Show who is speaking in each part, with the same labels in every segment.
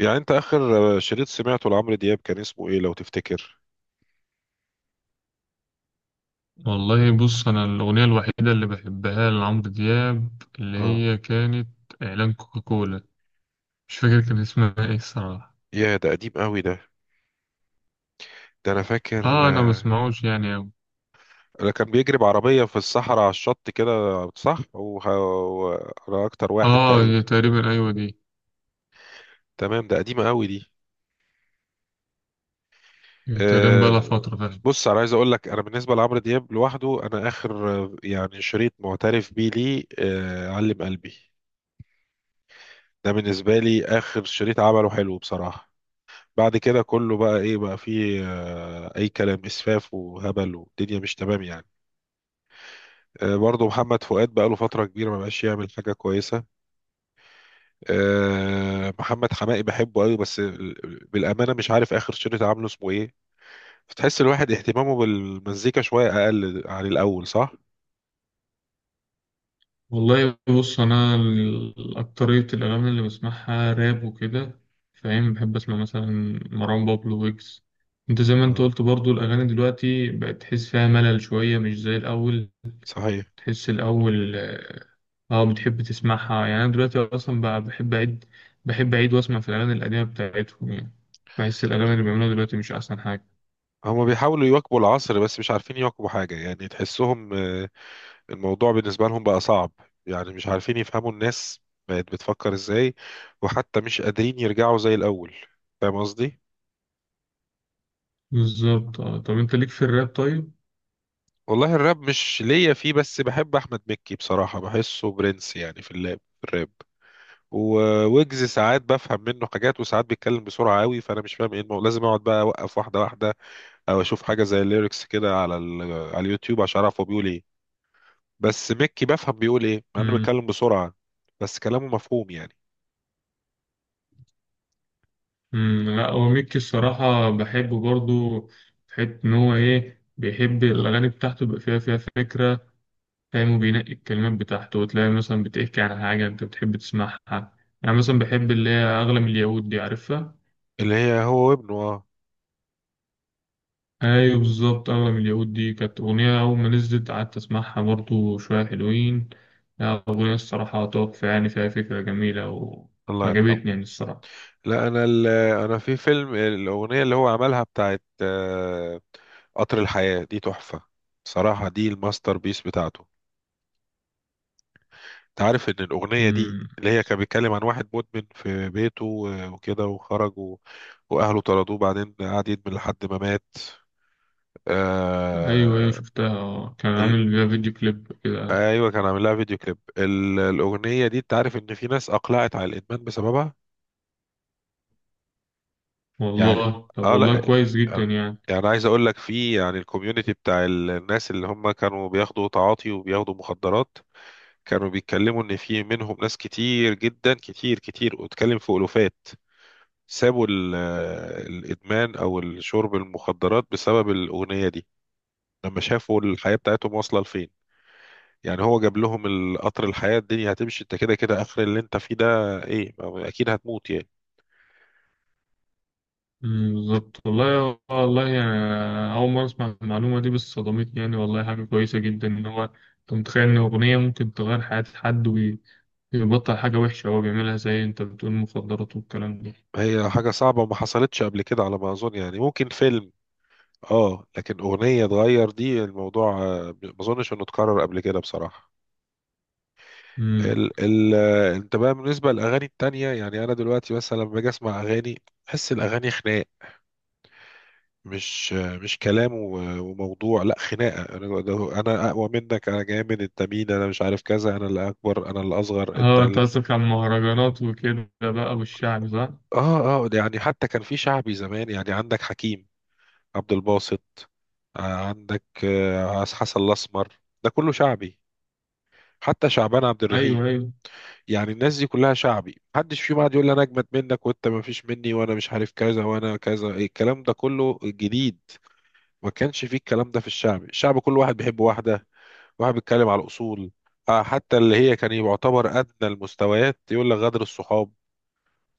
Speaker 1: يعني انت اخر شريط سمعته لعمرو دياب كان اسمه ايه لو تفتكر؟
Speaker 2: والله بص أنا الأغنية الوحيدة اللي بحبها لعمرو دياب اللي
Speaker 1: اه،
Speaker 2: هي كانت إعلان كوكاكولا. مش فاكر كان اسمها إيه الصراحة.
Speaker 1: يا ده قديم قوي ده. ده انا فاكر.
Speaker 2: آه، أنا ما بسمعوش يعني أوي.
Speaker 1: انا كان بيجري بعربية في الصحراء على الشط كده، صح. وانا اكتر واحد
Speaker 2: آه،
Speaker 1: تقريبا.
Speaker 2: هي تقريبا أيوة دي.
Speaker 1: تمام، ده قديمة قوي دي.
Speaker 2: هي تقريبا بقالها
Speaker 1: آه،
Speaker 2: فترة فعلا.
Speaker 1: بص انا عايز اقول لك، انا بالنسبة لعمرو دياب لوحده، انا اخر شريط معترف بيه ليه علم قلبي. ده بالنسبة لي اخر شريط عمله حلو بصراحة. بعد كده كله بقى ايه؟ بقى فيه اي كلام اسفاف وهبل والدنيا مش تمام يعني. برضه محمد فؤاد بقى له فتره كبيره ما بقاش يعمل حاجه كويسه. محمد حماقي بحبه قوي، بس بالامانه مش عارف اخر شريط عامله اسمه ايه. فتحس الواحد اهتمامه بالمزيكا شويه اقل عن الاول، صح؟
Speaker 2: والله بص أنا أكترية الأغاني اللي بسمعها راب وكده. فاهم بحب أسمع مثلا مروان بابلو ويجز. أنت زي ما أنت
Speaker 1: آه،
Speaker 2: قلت برضو الأغاني دلوقتي بقت تحس فيها ملل شوية مش زي الأول.
Speaker 1: صحيح.
Speaker 2: تحس الأول اه. بتحب تسمعها يعني. أنا دلوقتي أصلا بقى بحب أعيد. بحب أعيد وأسمع في الأغاني القديمة بتاعتهم يعني. بحس الأغاني اللي بيعملوها دلوقتي مش أحسن حاجة.
Speaker 1: هما بيحاولوا يواكبوا العصر بس مش عارفين يواكبوا حاجه، يعني تحسهم الموضوع بالنسبة لهم بقى صعب، يعني مش عارفين يفهموا الناس بقت بتفكر ازاي، وحتى مش قادرين يرجعوا زي الأول. فاهم قصدي؟
Speaker 2: بالظبط، اه. طب أنت ليك في الراب طيب؟
Speaker 1: والله الراب مش ليا فيه، بس بحب أحمد مكي بصراحة، بحسه برنس يعني في اللاب في الراب. وويجز ساعات بفهم منه حاجات وساعات بيتكلم بسرعة قوي، فأنا مش فاهم ايه لازم أقعد بقى أوقف واحدة واحدة، أو أشوف حاجة زي الليركس كده على اليوتيوب عشان أعرف هو بيقول ايه. بس مكي بفهم بيقول ايه، مع إنه
Speaker 2: مم.
Speaker 1: بيتكلم بسرعة بس كلامه مفهوم يعني.
Speaker 2: مم. لا هو ميكي الصراحة بحبه برضو. في حتة إن هو إيه بيحب الأغاني بتاعته يبقى فيها فكرة. فاهم وبينقي الكلمات بتاعته وتلاقي مثلا بتحكي عن حاجة أنت بتحب تسمعها. يعني مثلا بحب اللي هي أغلى من اليهود دي، عارفها؟
Speaker 1: اللي هي هو وابنه، اه.
Speaker 2: ايوه بالظبط. اغلى من اليهود دي كانت اغنيه اول ما نزلت قعدت اسمعها برضو شويه حلوين. لا اغنيه الصراحه تحفه يعني فيها فكره جميله.
Speaker 1: الله يرحمه.
Speaker 2: وعجبتني يعني الصراحه.
Speaker 1: لا انا ال- انا في فيلم الاغنيه اللي هو عملها بتاعت قطر الحياه دي تحفه. صراحه دي الماستر بيس بتاعته. انت عارف ان الاغنيه دي
Speaker 2: امم.
Speaker 1: اللي هي كان بيتكلم عن واحد مدمن في بيته وكده، وخرج واهله طردوه، بعدين قعد يدمن لحد ما مات.
Speaker 2: ايوه، ايوه،
Speaker 1: آه،
Speaker 2: شفتها. كان
Speaker 1: ال-
Speaker 2: عامل فيها فيديو كليب كده.
Speaker 1: ايوه كان عامل لها فيديو كليب، الاغنيه دي انت عارف ان في ناس اقلعت على الادمان بسببها. يعني
Speaker 2: والله، طب،
Speaker 1: اه
Speaker 2: والله
Speaker 1: لا،
Speaker 2: كويس جدا
Speaker 1: يعني
Speaker 2: يعني.
Speaker 1: عايز اقول لك في يعني الكوميونتي بتاع الناس اللي هم كانوا بياخدوا تعاطي وبياخدوا مخدرات، كانوا بيتكلموا ان في منهم ناس كتير جدا، كتير كتير، واتكلم في الوفات، سابوا الادمان او الشرب المخدرات بسبب الاغنيه دي، لما شافوا الحياه بتاعتهم واصله لفين. يعني هو جاب لهم القطر الحياه، الدنيا هتمشي انت كده كده اخر اللي انت فيه ده ايه، اكيد هتموت يعني.
Speaker 2: امم. بالظبط، والله والله يعني. اول مره اسمع المعلومه دي بس صدمتني يعني. والله حاجه كويسه جدا ان هو. انت متخيل ان اغنيه ممكن تغير حياه حد؟ يبطل حاجة وحشة هو بيعملها زي انت بتقول مخدرات والكلام ده.
Speaker 1: هي حاجه صعبه وما حصلتش قبل كده على ما اظن، يعني ممكن فيلم، اه، لكن اغنيه اتغير دي الموضوع ما اظنش انه اتكرر قبل كده بصراحه.
Speaker 2: امم.
Speaker 1: ال ال آه، انت بقى بالنسبه للاغاني التانية، يعني انا دلوقتي مثلا لما باجي اسمع اغاني بحس الاغاني خناق. مش مش كلام وموضوع، لا خناقه، انا انا اقوى منك، انا جامد، انت مين، انا مش عارف كذا، انا اللي اكبر، انا اللي اصغر، انت
Speaker 2: اه، انت قصدك على المهرجانات وكده بقى والشعب، صح؟
Speaker 1: اه اه. ده يعني حتى كان في شعبي زمان، يعني عندك حكيم، عبد الباسط، آه، عندك حسن الاسمر، ده كله شعبي، حتى شعبان عبد الرحيم.
Speaker 2: ايوه، ايوه.
Speaker 1: يعني الناس دي كلها شعبي، محدش فيهم قاعد يقول لي انا اجمد منك وانت ما فيش مني وانا مش عارف كذا وانا كذا. إيه الكلام ده كله جديد؟ ما كانش فيه الكلام ده في الشعبي، الشعب كل واحد بيحب واحده، واحد بيتكلم على الاصول. حتى اللي هي كان يعتبر ادنى المستويات يقول لك غدر الصحاب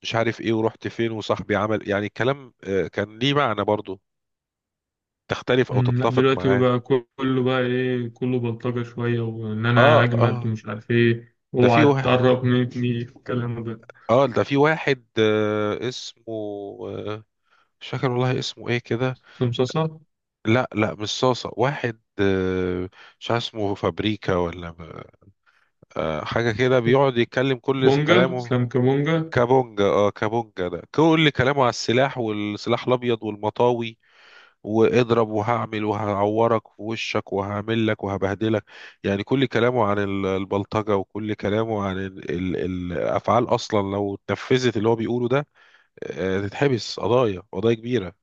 Speaker 1: مش عارف ايه، ورحت فين، وصاحبي عمل، يعني الكلام كان ليه معنى برضه، تختلف او
Speaker 2: امم. لا،
Speaker 1: تتفق
Speaker 2: دلوقتي
Speaker 1: معاه.
Speaker 2: بقى كله بقى ايه كله بلطجة شوية وان
Speaker 1: اه
Speaker 2: انا اجمد
Speaker 1: اه.
Speaker 2: ومش عارف ايه
Speaker 1: ده في
Speaker 2: اوعى
Speaker 1: واحد
Speaker 2: تقرب مني الكلام ده.
Speaker 1: اه ده في واحد آه، اسمه آه، مش فاكر والله اسمه ايه كده.
Speaker 2: سمسوسة.
Speaker 1: لا لا، مش صاصة، واحد مش عارف اسمه فابريكا ولا حاجة كده بيقعد يتكلم كل
Speaker 2: كابونجا،
Speaker 1: كلامه.
Speaker 2: اسلام كابونجا.
Speaker 1: كابونجا، اه كابونجا، ده كل كلامه على السلاح والسلاح الأبيض والمطاوي، واضرب وهعمل وهعورك في وشك وهعمل لك وهبهدلك. يعني كل كلامه عن البلطجة، وكل كلامه عن الأفعال أصلا لو اتنفذت اللي هو بيقوله ده تتحبس قضايا، قضايا كبيرة.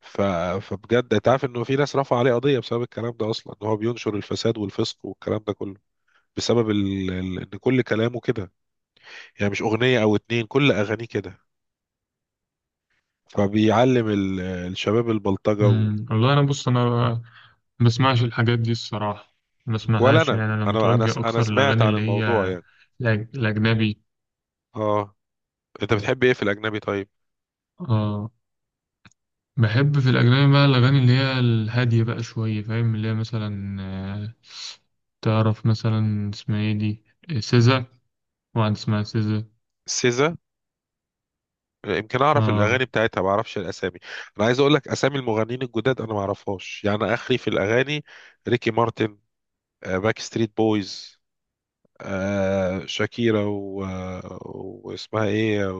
Speaker 1: ف... فبجد انت عارف انه في ناس رفع عليه قضيه بسبب الكلام ده اصلا، ان هو بينشر الفساد والفسق والكلام ده كله، بسبب ان كل كلامه كده، يعني مش اغنيه او اتنين، كل اغانيه كده، فبيعلم الشباب البلطجه
Speaker 2: امم. والله انا بص انا ما بسمعش الحاجات دي الصراحة. ما
Speaker 1: ولا
Speaker 2: بسمعهاش يعني. انا
Speaker 1: انا
Speaker 2: متوجه
Speaker 1: انا
Speaker 2: اكتر
Speaker 1: سمعت
Speaker 2: للاغاني
Speaker 1: عن
Speaker 2: اللي
Speaker 1: الموضوع
Speaker 2: هي
Speaker 1: يعني.
Speaker 2: الاجنبي.
Speaker 1: اه، انت بتحب ايه في الاجنبي طيب؟
Speaker 2: اه. بحب في الأجنبي بقى الأغاني اللي هي الهادية بقى شوية. فاهم اللي هي مثلا، تعرف مثلا اسمها ايه دي؟ سيزا. واحد اسمها سيزا.
Speaker 1: سيزا، يمكن اعرف الاغاني
Speaker 2: اه.
Speaker 1: بتاعتها ما اعرفش الاسامي. انا عايز اقول لك اسامي المغنيين الجداد انا ما اعرفهاش، يعني اخري في الاغاني ريكي مارتن، باك ستريت بويز، آه شاكيرا واسمها ايه،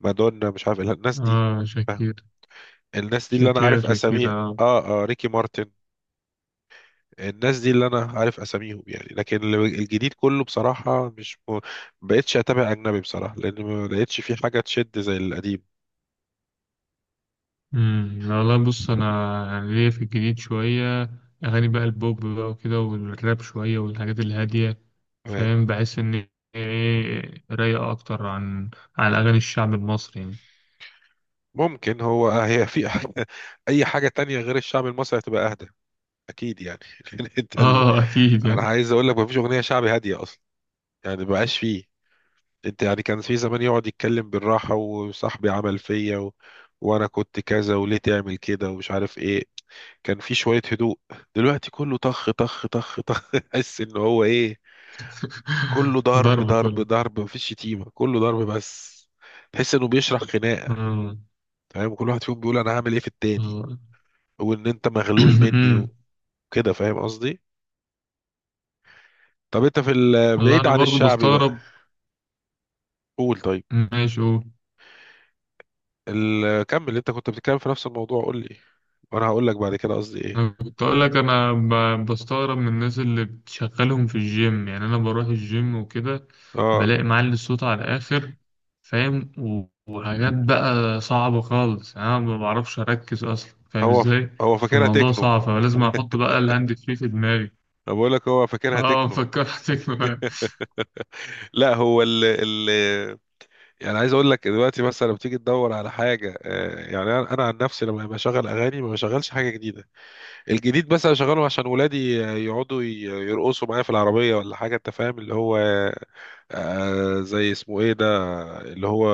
Speaker 1: ومادونا، مش عارف إيه الناس دي.
Speaker 2: اه، شاكير،
Speaker 1: الناس دي اللي انا
Speaker 2: شاكير،
Speaker 1: عارف
Speaker 2: شاكير،
Speaker 1: اساميها.
Speaker 2: اه.
Speaker 1: اه اه، ريكي مارتن، الناس دي اللي انا عارف اساميهم يعني. لكن الجديد كله بصراحة مش م... بقتش اتابع اجنبي بصراحة، لان ما لقيتش في حاجة تشد زي القديم.
Speaker 2: امم. لا، لا، بص انا يعني ليا في الجديد شوية اغاني بقى البوب بقى وكده والراب شوية والحاجات الهادية.
Speaker 1: تمام.
Speaker 2: فاهم بحس ان هي ايه رايقة اكتر عن اغاني الشعب المصري يعني.
Speaker 1: ممكن هو هي في حاجة، اي حاجة تانية غير الشعب المصري هتبقى اهدى اكيد يعني. لأن انت
Speaker 2: اه، اكيد
Speaker 1: انا
Speaker 2: يعني.
Speaker 1: عايز اقول لك مفيش اغنية شعبي هادية اصلا، يعني مبقاش فيه. انت يعني كان في زمان يقعد يتكلم بالراحة، وصاحبي عمل فيا وانا كنت كذا وليه تعمل كده ومش عارف ايه، كان في شوية هدوء. دلوقتي كله طخ طخ طخ طخ تحس ان هو ايه، كله ضرب
Speaker 2: ضرب
Speaker 1: ضرب
Speaker 2: كله.
Speaker 1: ضرب، مفيش شتيمة كله ضرب بس، تحس انه بيشرح خناقة.
Speaker 2: آه.
Speaker 1: فاهم كل واحد فيهم بيقول انا هعمل ايه في التاني،
Speaker 2: آه.
Speaker 1: وان انت مغلول مني وكده، فاهم قصدي؟ طب انت في
Speaker 2: والله
Speaker 1: بعيد
Speaker 2: انا
Speaker 1: عن
Speaker 2: برضو
Speaker 1: الشعبي بقى،
Speaker 2: بستغرب.
Speaker 1: قول طيب.
Speaker 2: ماشي، قول.
Speaker 1: كمل، انت كنت بتتكلم في نفس الموضوع، قول لي وانا هقول لك بعد كده قصدي
Speaker 2: انا
Speaker 1: ايه.
Speaker 2: كنت اقول لك انا بستغرب من الناس اللي بتشغلهم في الجيم يعني. انا بروح الجيم وكده
Speaker 1: اه،
Speaker 2: بلاقي معلي الصوت على الاخر. فاهم وحاجات بقى صعبة خالص يعني. انا ما بعرفش اركز اصلا فاهم
Speaker 1: هو ف...
Speaker 2: ازاي.
Speaker 1: هو فاكرها
Speaker 2: فالموضوع
Speaker 1: تكنو.
Speaker 2: صعب فلازم احط بقى الهاند فري في دماغي.
Speaker 1: انا بقول لك هو فاكرها
Speaker 2: اه،
Speaker 1: تكنو.
Speaker 2: فكرتك بقى.
Speaker 1: لا هو ال ال يعني عايز اقول لك دلوقتي مثلا لما تيجي تدور على حاجه آه، يعني انا أنا عن نفسي لما بشغل اغاني ما بشغلش حاجه جديده. الجديد بس بشغله عشان ولادي يقعدوا يرقصوا معايا في العربيه ولا حاجه، انت فاهم اللي هو زي اسمه ايه ده، اللي هو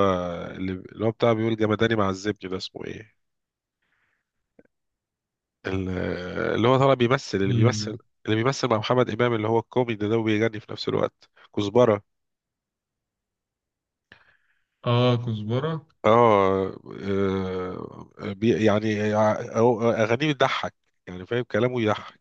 Speaker 1: اللي هو بتاع بيقول جمداني مع الزبد ده اسمه ايه، ال- اللي هو طالع بيمثل،
Speaker 2: مين ده؟
Speaker 1: اللي بيمثل مع محمد إمام اللي هو الكوميدي ده وبيغني في نفس الوقت. كزبرة،
Speaker 2: اه، كزبرة.
Speaker 1: اه. آه، بي- يعني يع- أو- أغانيه بتضحك، يعني فاهم كلامه يضحك،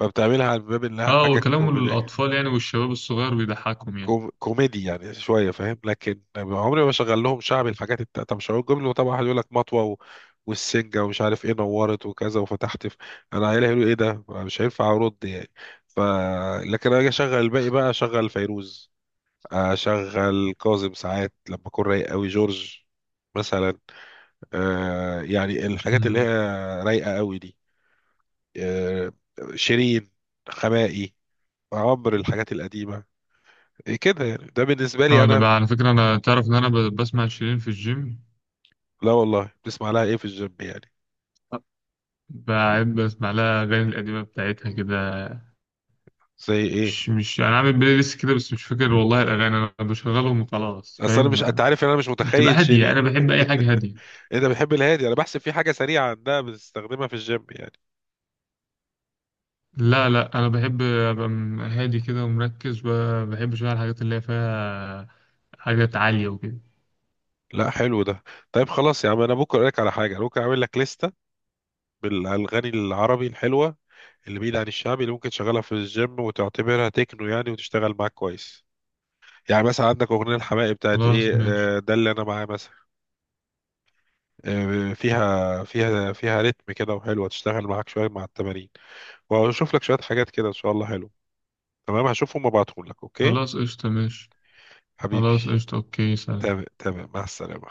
Speaker 1: فبتعملها على باب إنها
Speaker 2: اه،
Speaker 1: حاجة
Speaker 2: وكلام
Speaker 1: كوميدية.
Speaker 2: الأطفال يعني والشباب الصغير بيضحكهم يعني.
Speaker 1: كوميدي يعني شويه، فاهم. لكن عمري ما شغل لهم شعبي، الحاجات التالتة مش هقول جمله طبعا، واحد يقول لك مطوه والسنجه ومش عارف ايه نورت وكذا وفتحت انا عيالي هيقولوا ايه ده؟ مش هينفع ارد يعني. ف لكن انا اجي اشغل الباقي، بقى اشغل فيروز، اشغل كاظم ساعات لما اكون رايق قوي، جورج مثلا، آه يعني الحاجات اللي هي
Speaker 2: مم.
Speaker 1: رايقه قوي دي، آه شيرين، خمائي، عمرو، الحاجات القديمه كده يعني، ده بالنسبه لي
Speaker 2: اه، انا
Speaker 1: انا.
Speaker 2: بقى على فكره انا تعرف ان انا بسمع شيرين في الجيم.
Speaker 1: لا والله، بتسمع لها ايه في الجيم يعني؟
Speaker 2: بحب اسمع لها الاغاني القديمه بتاعتها كده.
Speaker 1: زي ايه؟
Speaker 2: مش انا عامل بلاي ليست كده بس مش فاكر والله الاغاني انا بشغلهم وخلاص.
Speaker 1: اصل
Speaker 2: فاهم
Speaker 1: انا مش، انت عارف ان انا مش
Speaker 2: بتبقى
Speaker 1: متخيل
Speaker 2: هاديه
Speaker 1: شيرين.
Speaker 2: انا بحب اي حاجه هاديه.
Speaker 1: انت بتحب الهادي، انا بحسب في حاجه سريعه عندها بتستخدمها في الجيم يعني.
Speaker 2: لا، لا، انا بحب ابقى هادي كده ومركز. ما بحبش بقى الحاجات اللي هي فيها حاجات عاليه وكده.
Speaker 1: لا حلو ده. طيب خلاص يا عم، انا ممكن اقول لك على حاجه، أنا ممكن اعمل لك لسته بالاغاني العربي الحلوه، اللي بعيد عن الشعبي، اللي ممكن تشغلها في الجيم وتعتبرها تكنو يعني وتشتغل معاك كويس. يعني مثلا عندك اغنيه الحماقي بتاعت
Speaker 2: خلاص،
Speaker 1: ايه
Speaker 2: ماشي.
Speaker 1: ده اللي انا معاه مثلا، فيها رتم كده وحلوه، تشتغل معاك شويه مع التمارين. واشوف لك شويه حاجات كده ان شاء الله حلوه. تمام هشوفهم وابعتهم لك، اوكي؟
Speaker 2: خلاص، قشطه، ماشي.
Speaker 1: حبيبي.
Speaker 2: خلاص، قشطه، اوكي، سلام.
Speaker 1: تمام تمام، مع السلامة.